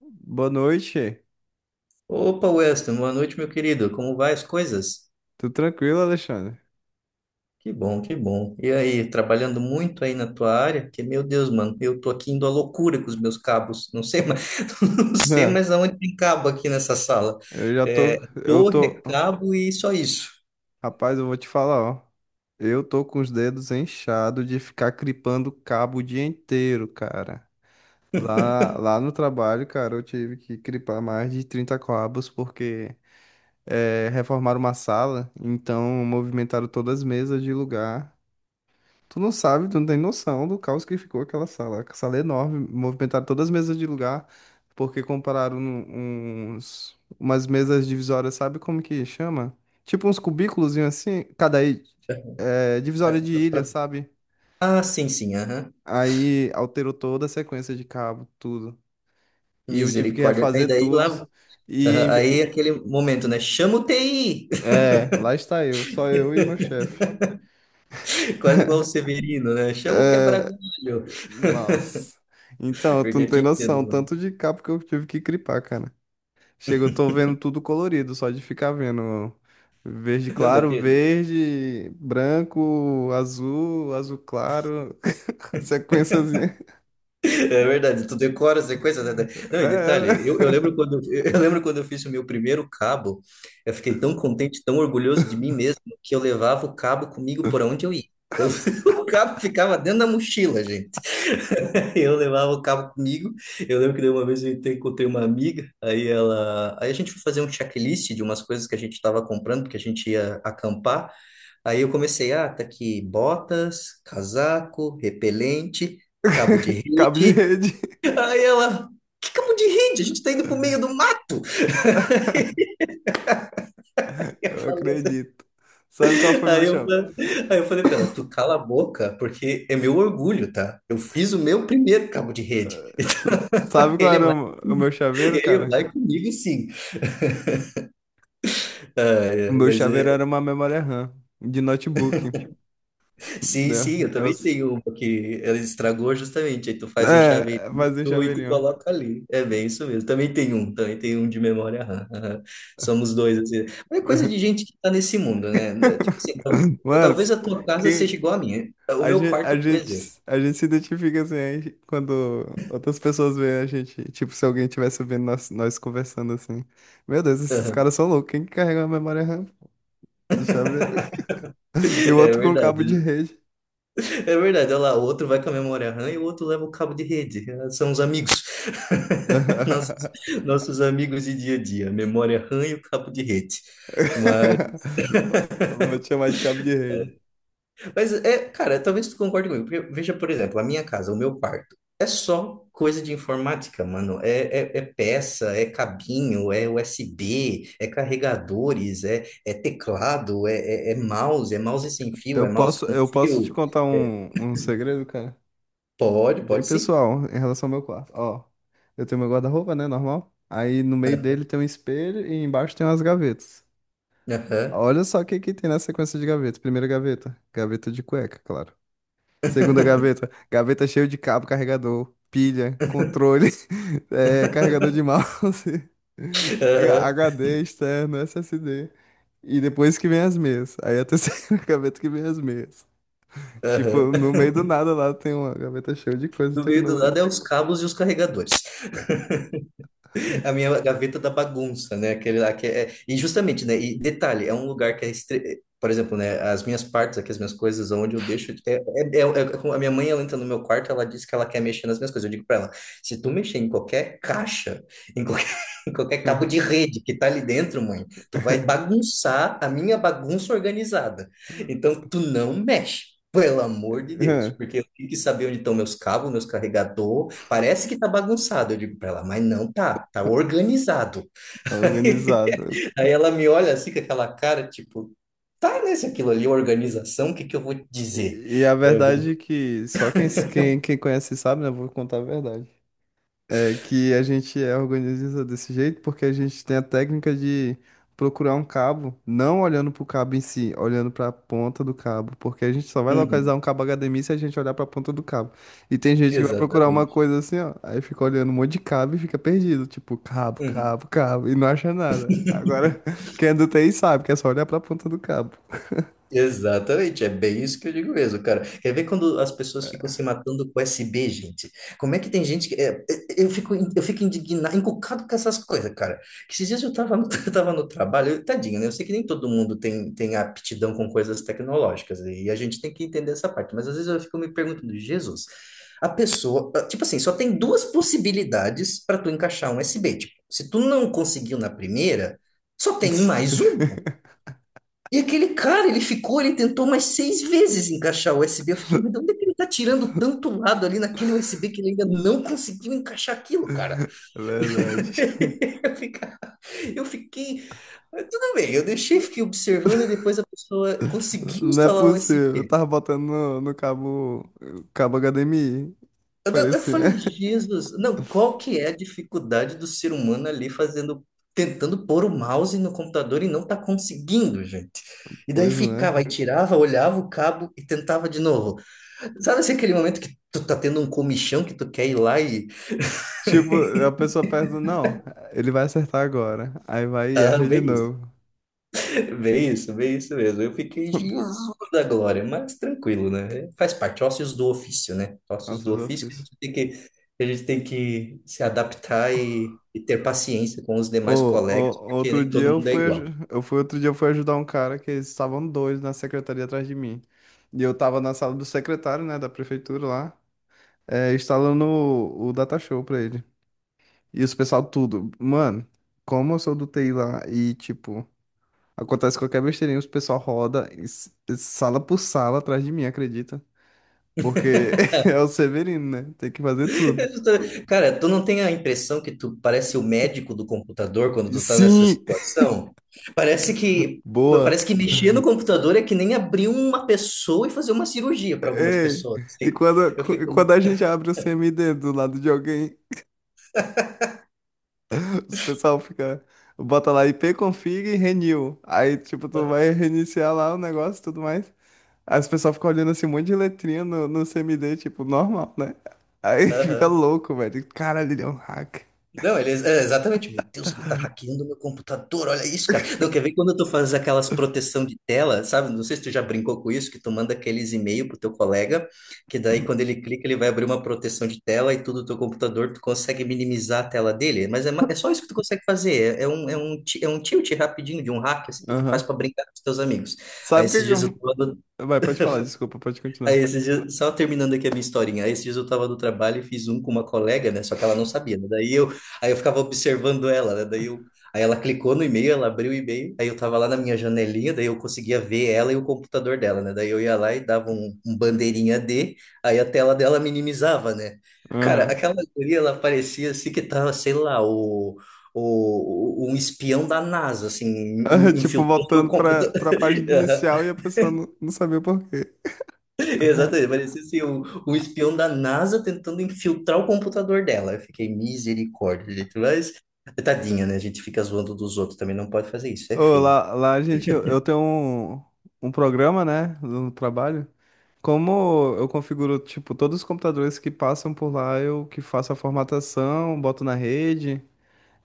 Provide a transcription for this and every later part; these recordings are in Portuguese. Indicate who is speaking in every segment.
Speaker 1: Boa noite.
Speaker 2: Opa, Weston, boa noite, meu querido. Como vai as coisas?
Speaker 1: Tudo tranquilo, Alexandre?
Speaker 2: Que bom, que bom. E aí, trabalhando muito aí na tua área? Porque, meu Deus, mano, eu tô aqui indo à loucura com os meus cabos. Não sei
Speaker 1: Né?
Speaker 2: mais aonde tem cabo aqui nessa sala.
Speaker 1: Eu já
Speaker 2: É,
Speaker 1: tô, eu
Speaker 2: torre, é
Speaker 1: tô,
Speaker 2: cabo e só isso.
Speaker 1: Rapaz, eu vou te falar, ó. Eu tô com os dedos inchados de ficar cripando cabo o dia inteiro, cara. Lá no trabalho, cara, eu tive que cripar mais de 30 cabos porque reformaram uma sala, então movimentaram todas as mesas de lugar. Tu não sabe, tu não tem noção do caos que ficou aquela sala. A sala é enorme, movimentaram todas as mesas de lugar, porque compraram umas mesas divisórias, sabe como que chama? Tipo uns cubículos assim,
Speaker 2: É,
Speaker 1: divisória de ilha,
Speaker 2: pra-
Speaker 1: sabe?
Speaker 2: Ah, sim, sim, aham.
Speaker 1: Aí alterou toda a sequência de cabo, tudo. E eu tive que
Speaker 2: Misericórdia. Aí
Speaker 1: refazer
Speaker 2: daí
Speaker 1: tudo.
Speaker 2: lá,
Speaker 1: E
Speaker 2: aham,
Speaker 1: em
Speaker 2: aí é
Speaker 1: ve-
Speaker 2: aquele momento, né? Chama o TI!
Speaker 1: Lá está eu, só eu e meu chefe.
Speaker 2: Quase igual o Severino, né? Chama o
Speaker 1: É.
Speaker 2: quebra-galho.
Speaker 1: Nossa. Então, tu
Speaker 2: Porque
Speaker 1: não
Speaker 2: eu te
Speaker 1: tem noção,
Speaker 2: entendo,
Speaker 1: tanto
Speaker 2: mano.
Speaker 1: de cabo que eu tive que clipar, cara. Chega, eu tô vendo tudo colorido, só de ficar vendo verde
Speaker 2: Não,
Speaker 1: claro,
Speaker 2: daqui,
Speaker 1: verde, branco, azul, azul claro, sequenciazinha.
Speaker 2: é verdade, tu decora as sequência, né? Não, e
Speaker 1: É, né?
Speaker 2: detalhe, eu lembro quando, eu lembro quando eu fiz o meu primeiro cabo, eu fiquei tão contente, tão orgulhoso de mim mesmo, que eu levava o cabo comigo por onde eu ia. Eu, o cabo ficava dentro da mochila, gente. Eu levava o cabo comigo. Eu lembro que daí uma vez eu encontrei uma amiga, aí a gente foi fazer um checklist de umas coisas que a gente estava comprando, porque a gente ia acampar. Aí eu comecei, ah, tá aqui botas, casaco, repelente, cabo de
Speaker 1: Cabo de
Speaker 2: rede.
Speaker 1: rede.
Speaker 2: Aí ela, que cabo de rede? A gente tá indo pro meio do mato. Eu
Speaker 1: Eu
Speaker 2: falei, assim,
Speaker 1: acredito. Sabe qual foi meu
Speaker 2: aí eu,
Speaker 1: chave?
Speaker 2: fa- Aí eu falei pra ela, tu cala a boca, porque é meu orgulho, tá? Eu fiz o meu primeiro cabo de rede.
Speaker 1: Tu sabe qual
Speaker 2: Ele
Speaker 1: era
Speaker 2: vai,
Speaker 1: o meu chaveiro,
Speaker 2: ele
Speaker 1: cara?
Speaker 2: vai comigo, sim. Ah,
Speaker 1: O
Speaker 2: é,
Speaker 1: meu
Speaker 2: mas
Speaker 1: chaveiro
Speaker 2: é,
Speaker 1: era uma memória RAM de notebook.
Speaker 2: Sim,
Speaker 1: Né?
Speaker 2: sim, eu também tenho uma que ela estragou justamente. Aí tu faz um chaveirinho
Speaker 1: Fazia um
Speaker 2: e tu
Speaker 1: chaveirinho.
Speaker 2: coloca ali. É bem isso mesmo. Também tem um de memória RAM. Aham. Somos dois, assim. Mas é coisa de gente que tá nesse mundo, né? É, talvez a
Speaker 1: Mas,
Speaker 2: tua casa seja
Speaker 1: quem,
Speaker 2: igual à minha. O
Speaker 1: A
Speaker 2: meu
Speaker 1: gente, a
Speaker 2: quarto, por exemplo.
Speaker 1: gente, a gente se identifica assim aí quando outras pessoas veem a gente. Tipo, se alguém estivesse vendo nós, nós conversando assim. Meu Deus, esses
Speaker 2: Aham.
Speaker 1: caras são loucos. Quem que carrega a memória RAM de chaveiro? E o
Speaker 2: É
Speaker 1: outro com cabo de
Speaker 2: verdade.
Speaker 1: rede.
Speaker 2: É verdade. Olha lá, o outro vai com a memória RAM e o outro leva o cabo de rede. Ah, são os amigos. Nossos, nossos amigos de dia a dia. Memória RAM e o cabo de rede. Mas
Speaker 1: Vou te chamar de cabo de rede.
Speaker 2: Mas é, cara, talvez tu concorde comigo, porque veja, por exemplo, a minha casa, o meu quarto, é só coisa de informática, mano. É peça, é cabinho, é USB, é carregadores, é teclado, é mouse sem fio,
Speaker 1: Eu
Speaker 2: é mouse
Speaker 1: posso,
Speaker 2: com
Speaker 1: eu posso te
Speaker 2: fio.
Speaker 1: contar
Speaker 2: É,
Speaker 1: um segredo, cara?
Speaker 2: pode,
Speaker 1: Bem
Speaker 2: pode sim.
Speaker 1: pessoal, em relação ao meu quarto. Ó, eu tenho meu guarda-roupa, né? Normal. Aí no meio dele
Speaker 2: Ah,
Speaker 1: tem um espelho e embaixo tem umas gavetas.
Speaker 2: aham.
Speaker 1: Olha só o que que tem na sequência de gaveta. Primeira gaveta, gaveta de cueca, claro. Segunda gaveta, gaveta cheia de cabo, carregador, pilha, controle, carregador de mouse,
Speaker 2: Aham.
Speaker 1: HD externo, SSD. E depois que vem as meias. Aí a terceira gaveta que vem as meias.
Speaker 2: Aham.
Speaker 1: Tipo, no meio do nada lá tem uma gaveta cheia de coisa de
Speaker 2: No meio do
Speaker 1: tecnologia.
Speaker 2: lado é os cabos e os carregadores. A minha gaveta da bagunça, né? Aquele lá que é... E justamente, né? E detalhe, é um lugar que é estre... Por exemplo, né? As minhas partes aqui, as minhas coisas, onde eu deixo... é como a minha mãe, ela entra no meu quarto, ela diz que ela quer mexer nas minhas coisas. Eu digo pra ela, se tu mexer em qualquer caixa, em em qualquer cabo de rede que tá ali dentro, mãe. Tu vai bagunçar a minha bagunça organizada. Então, tu não mexe. Pelo amor de Deus, porque eu tenho que saber onde estão meus cabos, meus carregador. Parece que tá bagunçado, eu digo para ela, mas não tá, tá organizado.
Speaker 1: Organizado.
Speaker 2: Aí ela me olha assim com aquela cara, tipo, tá, né? Se aquilo ali é organização, o que que eu vou te dizer?
Speaker 1: E a
Speaker 2: Eu vou-
Speaker 1: verdade é que só quem conhece sabe, né? Vou contar a verdade. É que a gente é organiza desse jeito porque a gente tem a técnica de procurar um cabo, não olhando pro cabo em si, olhando pra ponta do cabo, porque a gente só vai
Speaker 2: Uhum,
Speaker 1: localizar um cabo HDMI se a gente olhar pra ponta do cabo. E tem gente que vai procurar uma
Speaker 2: exatamente.
Speaker 1: coisa assim, ó, aí fica olhando um monte de cabo e fica perdido, tipo cabo,
Speaker 2: Uhum.
Speaker 1: cabo, cabo, e não acha nada. Agora, quem é do T TI sabe que é só olhar pra ponta do cabo.
Speaker 2: Exatamente, é bem isso que eu digo mesmo, cara. Quer ver quando as pessoas ficam se matando com SB, gente? Como é que tem gente que. Eu fico indignado, encucado com essas coisas, cara. Que esses dias eu tava, eu tava no trabalho, tadinho, né? Eu sei que nem todo mundo tem, tem aptidão com coisas tecnológicas, né? E a gente tem que entender essa parte, mas às vezes eu fico me perguntando, Jesus, tipo assim, só tem duas possibilidades para tu encaixar um SB. Tipo, se tu não conseguiu na primeira, só tem mais uma. E aquele cara, ele ficou, ele tentou mais seis vezes encaixar o USB. Eu fiquei, mas de onde é que ele tá tirando tanto lado ali naquele USB que ele ainda não conseguiu encaixar aquilo, cara?
Speaker 1: É verdade.
Speaker 2: Eu fica- eu fiquei, mas tudo bem, eu deixei, fiquei observando e depois a pessoa conseguiu
Speaker 1: Não é
Speaker 2: instalar o
Speaker 1: possível. Eu
Speaker 2: USB.
Speaker 1: tava botando no cabo, HDMI.
Speaker 2: Eu
Speaker 1: Parecia.
Speaker 2: falei, Jesus, não, qual que é a dificuldade do ser humano ali fazendo, tentando pôr o mouse no computador e não tá conseguindo, gente? E daí
Speaker 1: Pois não é.
Speaker 2: ficava, aí tirava, olhava o cabo e tentava de novo. Sabe assim, aquele momento que tu tá tendo um comichão que tu quer ir lá e.
Speaker 1: Tipo, a pessoa pensa, não, ele vai acertar agora. Aí vai e
Speaker 2: Ah,
Speaker 1: erra de
Speaker 2: bem isso,
Speaker 1: novo.
Speaker 2: bem isso mesmo. Eu fiquei Jesus da glória, mas tranquilo, né? Faz parte, ócios do ofício, né? Ócios
Speaker 1: Nossa,
Speaker 2: do
Speaker 1: eu
Speaker 2: ofício que a
Speaker 1: fiz.
Speaker 2: gente tem que a gente tem que se adaptar e ter paciência com os
Speaker 1: Ô,
Speaker 2: demais colegas,
Speaker 1: ô,
Speaker 2: porque nem todo mundo é igual.
Speaker 1: outro dia eu fui ajudar um cara que eles estavam dois na secretaria atrás de mim. E eu tava na sala do secretário, né, da prefeitura lá, instalando o Datashow pra ele. E os pessoal tudo, mano, como eu sou do TI lá e tipo. Acontece qualquer besteirinha, os pessoal roda e sala por sala atrás de mim, acredita? Porque é o Severino, né? Tem que fazer tudo.
Speaker 2: Cara, tu não tem a impressão que tu parece o médico do computador quando
Speaker 1: E
Speaker 2: tu tá nessa
Speaker 1: sim!
Speaker 2: situação? Parece que
Speaker 1: Boa!
Speaker 2: parece que mexer no computador é que nem abrir uma pessoa e fazer uma cirurgia para algumas
Speaker 1: Ei!
Speaker 2: pessoas.
Speaker 1: E
Speaker 2: Assim.
Speaker 1: quando,
Speaker 2: Eu
Speaker 1: e
Speaker 2: fico,
Speaker 1: quando a gente abre o CMD do lado de alguém, os pessoal fica. Bota lá ipconfig e renew. Aí, tipo, tu vai reiniciar lá o negócio e tudo mais. Aí os pessoal ficam olhando assim, um monte de letrinha no CMD, tipo, normal, né? Aí fica
Speaker 2: aham.
Speaker 1: louco, velho. Caralho, ele é um hack.
Speaker 2: Não, exatamente. Meu Deus, ele tá hackeando meu computador, olha isso, cara. Não, quer ver quando tu faz aquelas proteção de tela, sabe? Não sei se tu já brincou com isso, que tu manda aqueles e-mail pro teu colega, que daí quando ele clica, ele vai abrir uma proteção de tela e tudo do teu computador, tu consegue minimizar a tela dele. É só isso que tu consegue fazer. É um tilt rapidinho de um hack assim, que tu
Speaker 1: Aham.
Speaker 2: faz para brincar com os teus amigos. Aí
Speaker 1: Sabe o que
Speaker 2: esses
Speaker 1: que
Speaker 2: dias eu tô
Speaker 1: eu. Vai, pode falar, desculpa, pode
Speaker 2: Aí
Speaker 1: continuar.
Speaker 2: esses dias, só terminando aqui a minha historinha, aí esses dias eu tava no trabalho e fiz um com uma colega, né? Só que ela não sabia, né? Aí eu ficava observando ela, né? Aí ela clicou no e-mail, ela abriu o e-mail, aí eu tava lá na minha janelinha, daí eu conseguia ver ela e o computador dela, né? Daí eu ia lá e dava um bandeirinha D, aí a tela dela minimizava, né? Cara,
Speaker 1: Aham.
Speaker 2: aquela guria, ela parecia assim que tava, sei lá, um espião da NASA, assim,
Speaker 1: Tipo,
Speaker 2: infiltrando o
Speaker 1: voltando pra,
Speaker 2: computador.
Speaker 1: pra página inicial e a pessoa não sabia o porquê. Aham.
Speaker 2: Exatamente, parecia assim, um espião da NASA tentando infiltrar o computador dela. Eu fiquei misericórdia, gente, mas tadinha, né? A gente fica zoando dos outros, também não pode fazer isso, é
Speaker 1: Ô,
Speaker 2: feio.
Speaker 1: lá, gente, eu tenho um programa, né, no trabalho. Como eu configuro, tipo, todos os computadores que passam por lá, eu que faço a formatação, boto na rede,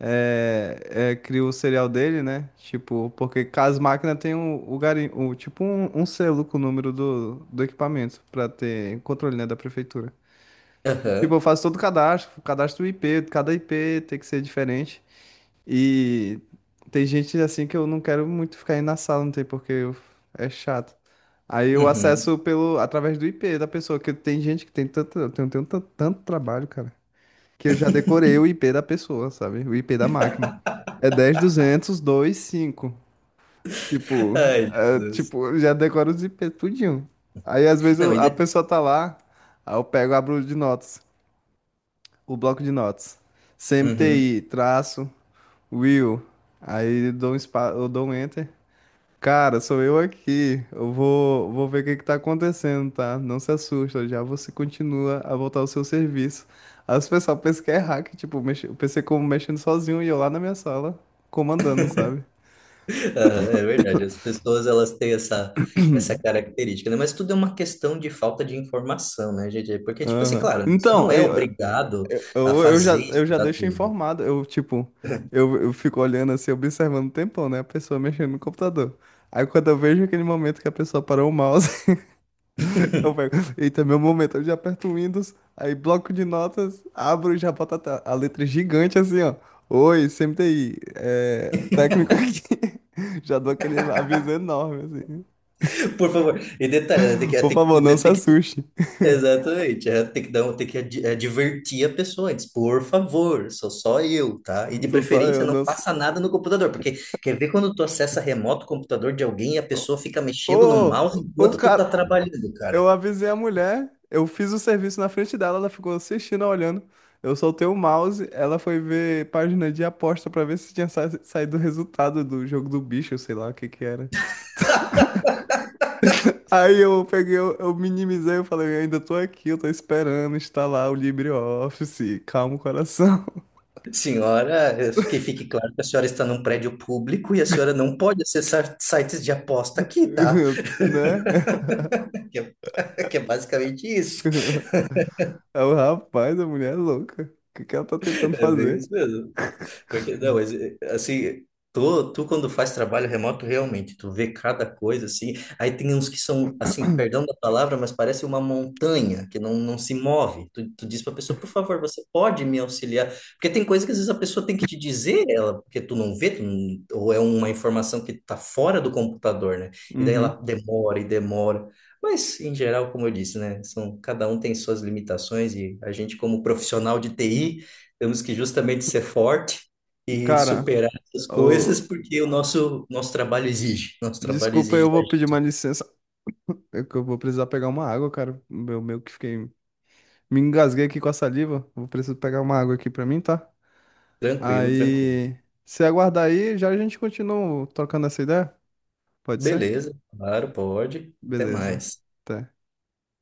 Speaker 1: é, crio o serial dele, né? Tipo, porque cada máquina tem um, o garim, o, tipo um, um selo com o número do, do equipamento, pra ter controle, né, da prefeitura. E, tipo,
Speaker 2: Aham,
Speaker 1: eu faço todo o cadastro do IP, cada IP tem que ser diferente. E tem gente assim que eu não quero muito ficar aí na sala, não tem porque é chato. Aí eu
Speaker 2: uhum.
Speaker 1: acesso pelo através do IP da pessoa, que tem gente que tem tanto, eu tenho tanto trabalho, cara, que eu já decorei o IP da pessoa, sabe? O IP da máquina. É 10.200.2.5. Tipo,
Speaker 2: Ai,
Speaker 1: é,
Speaker 2: Jesus.
Speaker 1: tipo, eu já decoro os IP tudinho. Aí às vezes
Speaker 2: Não,
Speaker 1: a
Speaker 2: e
Speaker 1: pessoa tá lá, aí eu pego, abro de notas o bloco de notas.
Speaker 2: Uhum.
Speaker 1: CMTI, traço, Will. Aí eu dou um enter. Cara, sou eu aqui. Eu vou ver o que que tá acontecendo, tá? Não se assusta, já você continua a voltar ao seu serviço. Aí o pessoal pensa que é hack, tipo, mexe, o PC como mexendo sozinho e eu lá na minha sala, comandando, sabe?
Speaker 2: Aham, é verdade, as pessoas elas têm essa característica, né? Mas tudo é uma questão de falta de informação, né, gente? Porque, tipo assim,
Speaker 1: Aham.
Speaker 2: claro, né, você não
Speaker 1: Então,
Speaker 2: é
Speaker 1: eu,
Speaker 2: obrigado
Speaker 1: Eu,
Speaker 2: a
Speaker 1: eu, eu já,
Speaker 2: fazer isso,
Speaker 1: eu já
Speaker 2: estudar
Speaker 1: deixo
Speaker 2: tudo.
Speaker 1: informado. Eu, tipo, eu fico olhando assim, observando o tempão, né? A pessoa mexendo no computador. Aí quando eu vejo aquele momento que a pessoa parou o mouse, eu pego, eita, meu momento, eu já aperto o Windows, aí bloco de notas, abro e já boto a, a letra gigante assim, ó. Oi, CMTI, técnico aqui. Já dou aquele aviso enorme, assim.
Speaker 2: Por favor, e detalhe, né,
Speaker 1: Por favor, não
Speaker 2: que,
Speaker 1: se
Speaker 2: tem que,
Speaker 1: assuste.
Speaker 2: exatamente, é, tem que advertir a pessoa antes, por favor, sou só eu, tá? E de
Speaker 1: Sou só
Speaker 2: preferência
Speaker 1: eu,
Speaker 2: não
Speaker 1: não.
Speaker 2: passa nada no computador, porque quer ver quando tu acessa remoto o computador de alguém e a pessoa fica mexendo no
Speaker 1: Ô,
Speaker 2: mouse
Speaker 1: ô, o
Speaker 2: enquanto tu tá
Speaker 1: cara.
Speaker 2: trabalhando, cara.
Speaker 1: Eu avisei a mulher, eu fiz o serviço na frente dela, ela ficou assistindo, olhando. Eu soltei o mouse, ela foi ver página de aposta pra ver se tinha saído o resultado do jogo do bicho, sei lá o que que era. Aí eu peguei, eu minimizei, eu falei, eu ainda tô aqui, eu tô esperando instalar o LibreOffice, calma o coração,
Speaker 2: Senhora, que fique claro que a senhora está num prédio público e a senhora não pode acessar sites de aposta aqui, tá?
Speaker 1: né?
Speaker 2: Que que é basicamente isso.
Speaker 1: Aí o rapaz, a mulher é louca, o que que ela tá tentando
Speaker 2: É bem
Speaker 1: fazer?
Speaker 2: isso mesmo. Porque, não, mas, assim, tu quando faz trabalho remoto, realmente, tu vê cada coisa, assim, aí tem uns que são, assim, perdão da palavra, mas parece uma montanha, que não se move. Tu diz pra pessoa, por favor, você pode me auxiliar? Porque tem coisa que às vezes a pessoa tem que te dizer, ela, porque tu não vê, tu não- ou é uma informação que tá fora do computador, né? E daí ela
Speaker 1: Uhum.
Speaker 2: demora e demora. Mas, em geral, como eu disse, né, são, cada um tem suas limitações e a gente, como profissional de TI, temos que justamente ser forte e
Speaker 1: Cara,
Speaker 2: superar essas coisas, porque o nosso trabalho exige. Nosso trabalho
Speaker 1: desculpa,
Speaker 2: exige
Speaker 1: eu
Speaker 2: da
Speaker 1: vou pedir uma
Speaker 2: gente.
Speaker 1: licença. É que eu vou precisar pegar uma água, cara. Eu meio que fiquei. Me engasguei aqui com a saliva. Vou precisar pegar uma água aqui pra mim, tá?
Speaker 2: Tranquilo, tranquilo.
Speaker 1: Aí. Se aguardar aí, já a gente continua trocando essa ideia? Pode ser?
Speaker 2: Beleza, claro, pode. Até
Speaker 1: Beleza.
Speaker 2: mais.
Speaker 1: Até.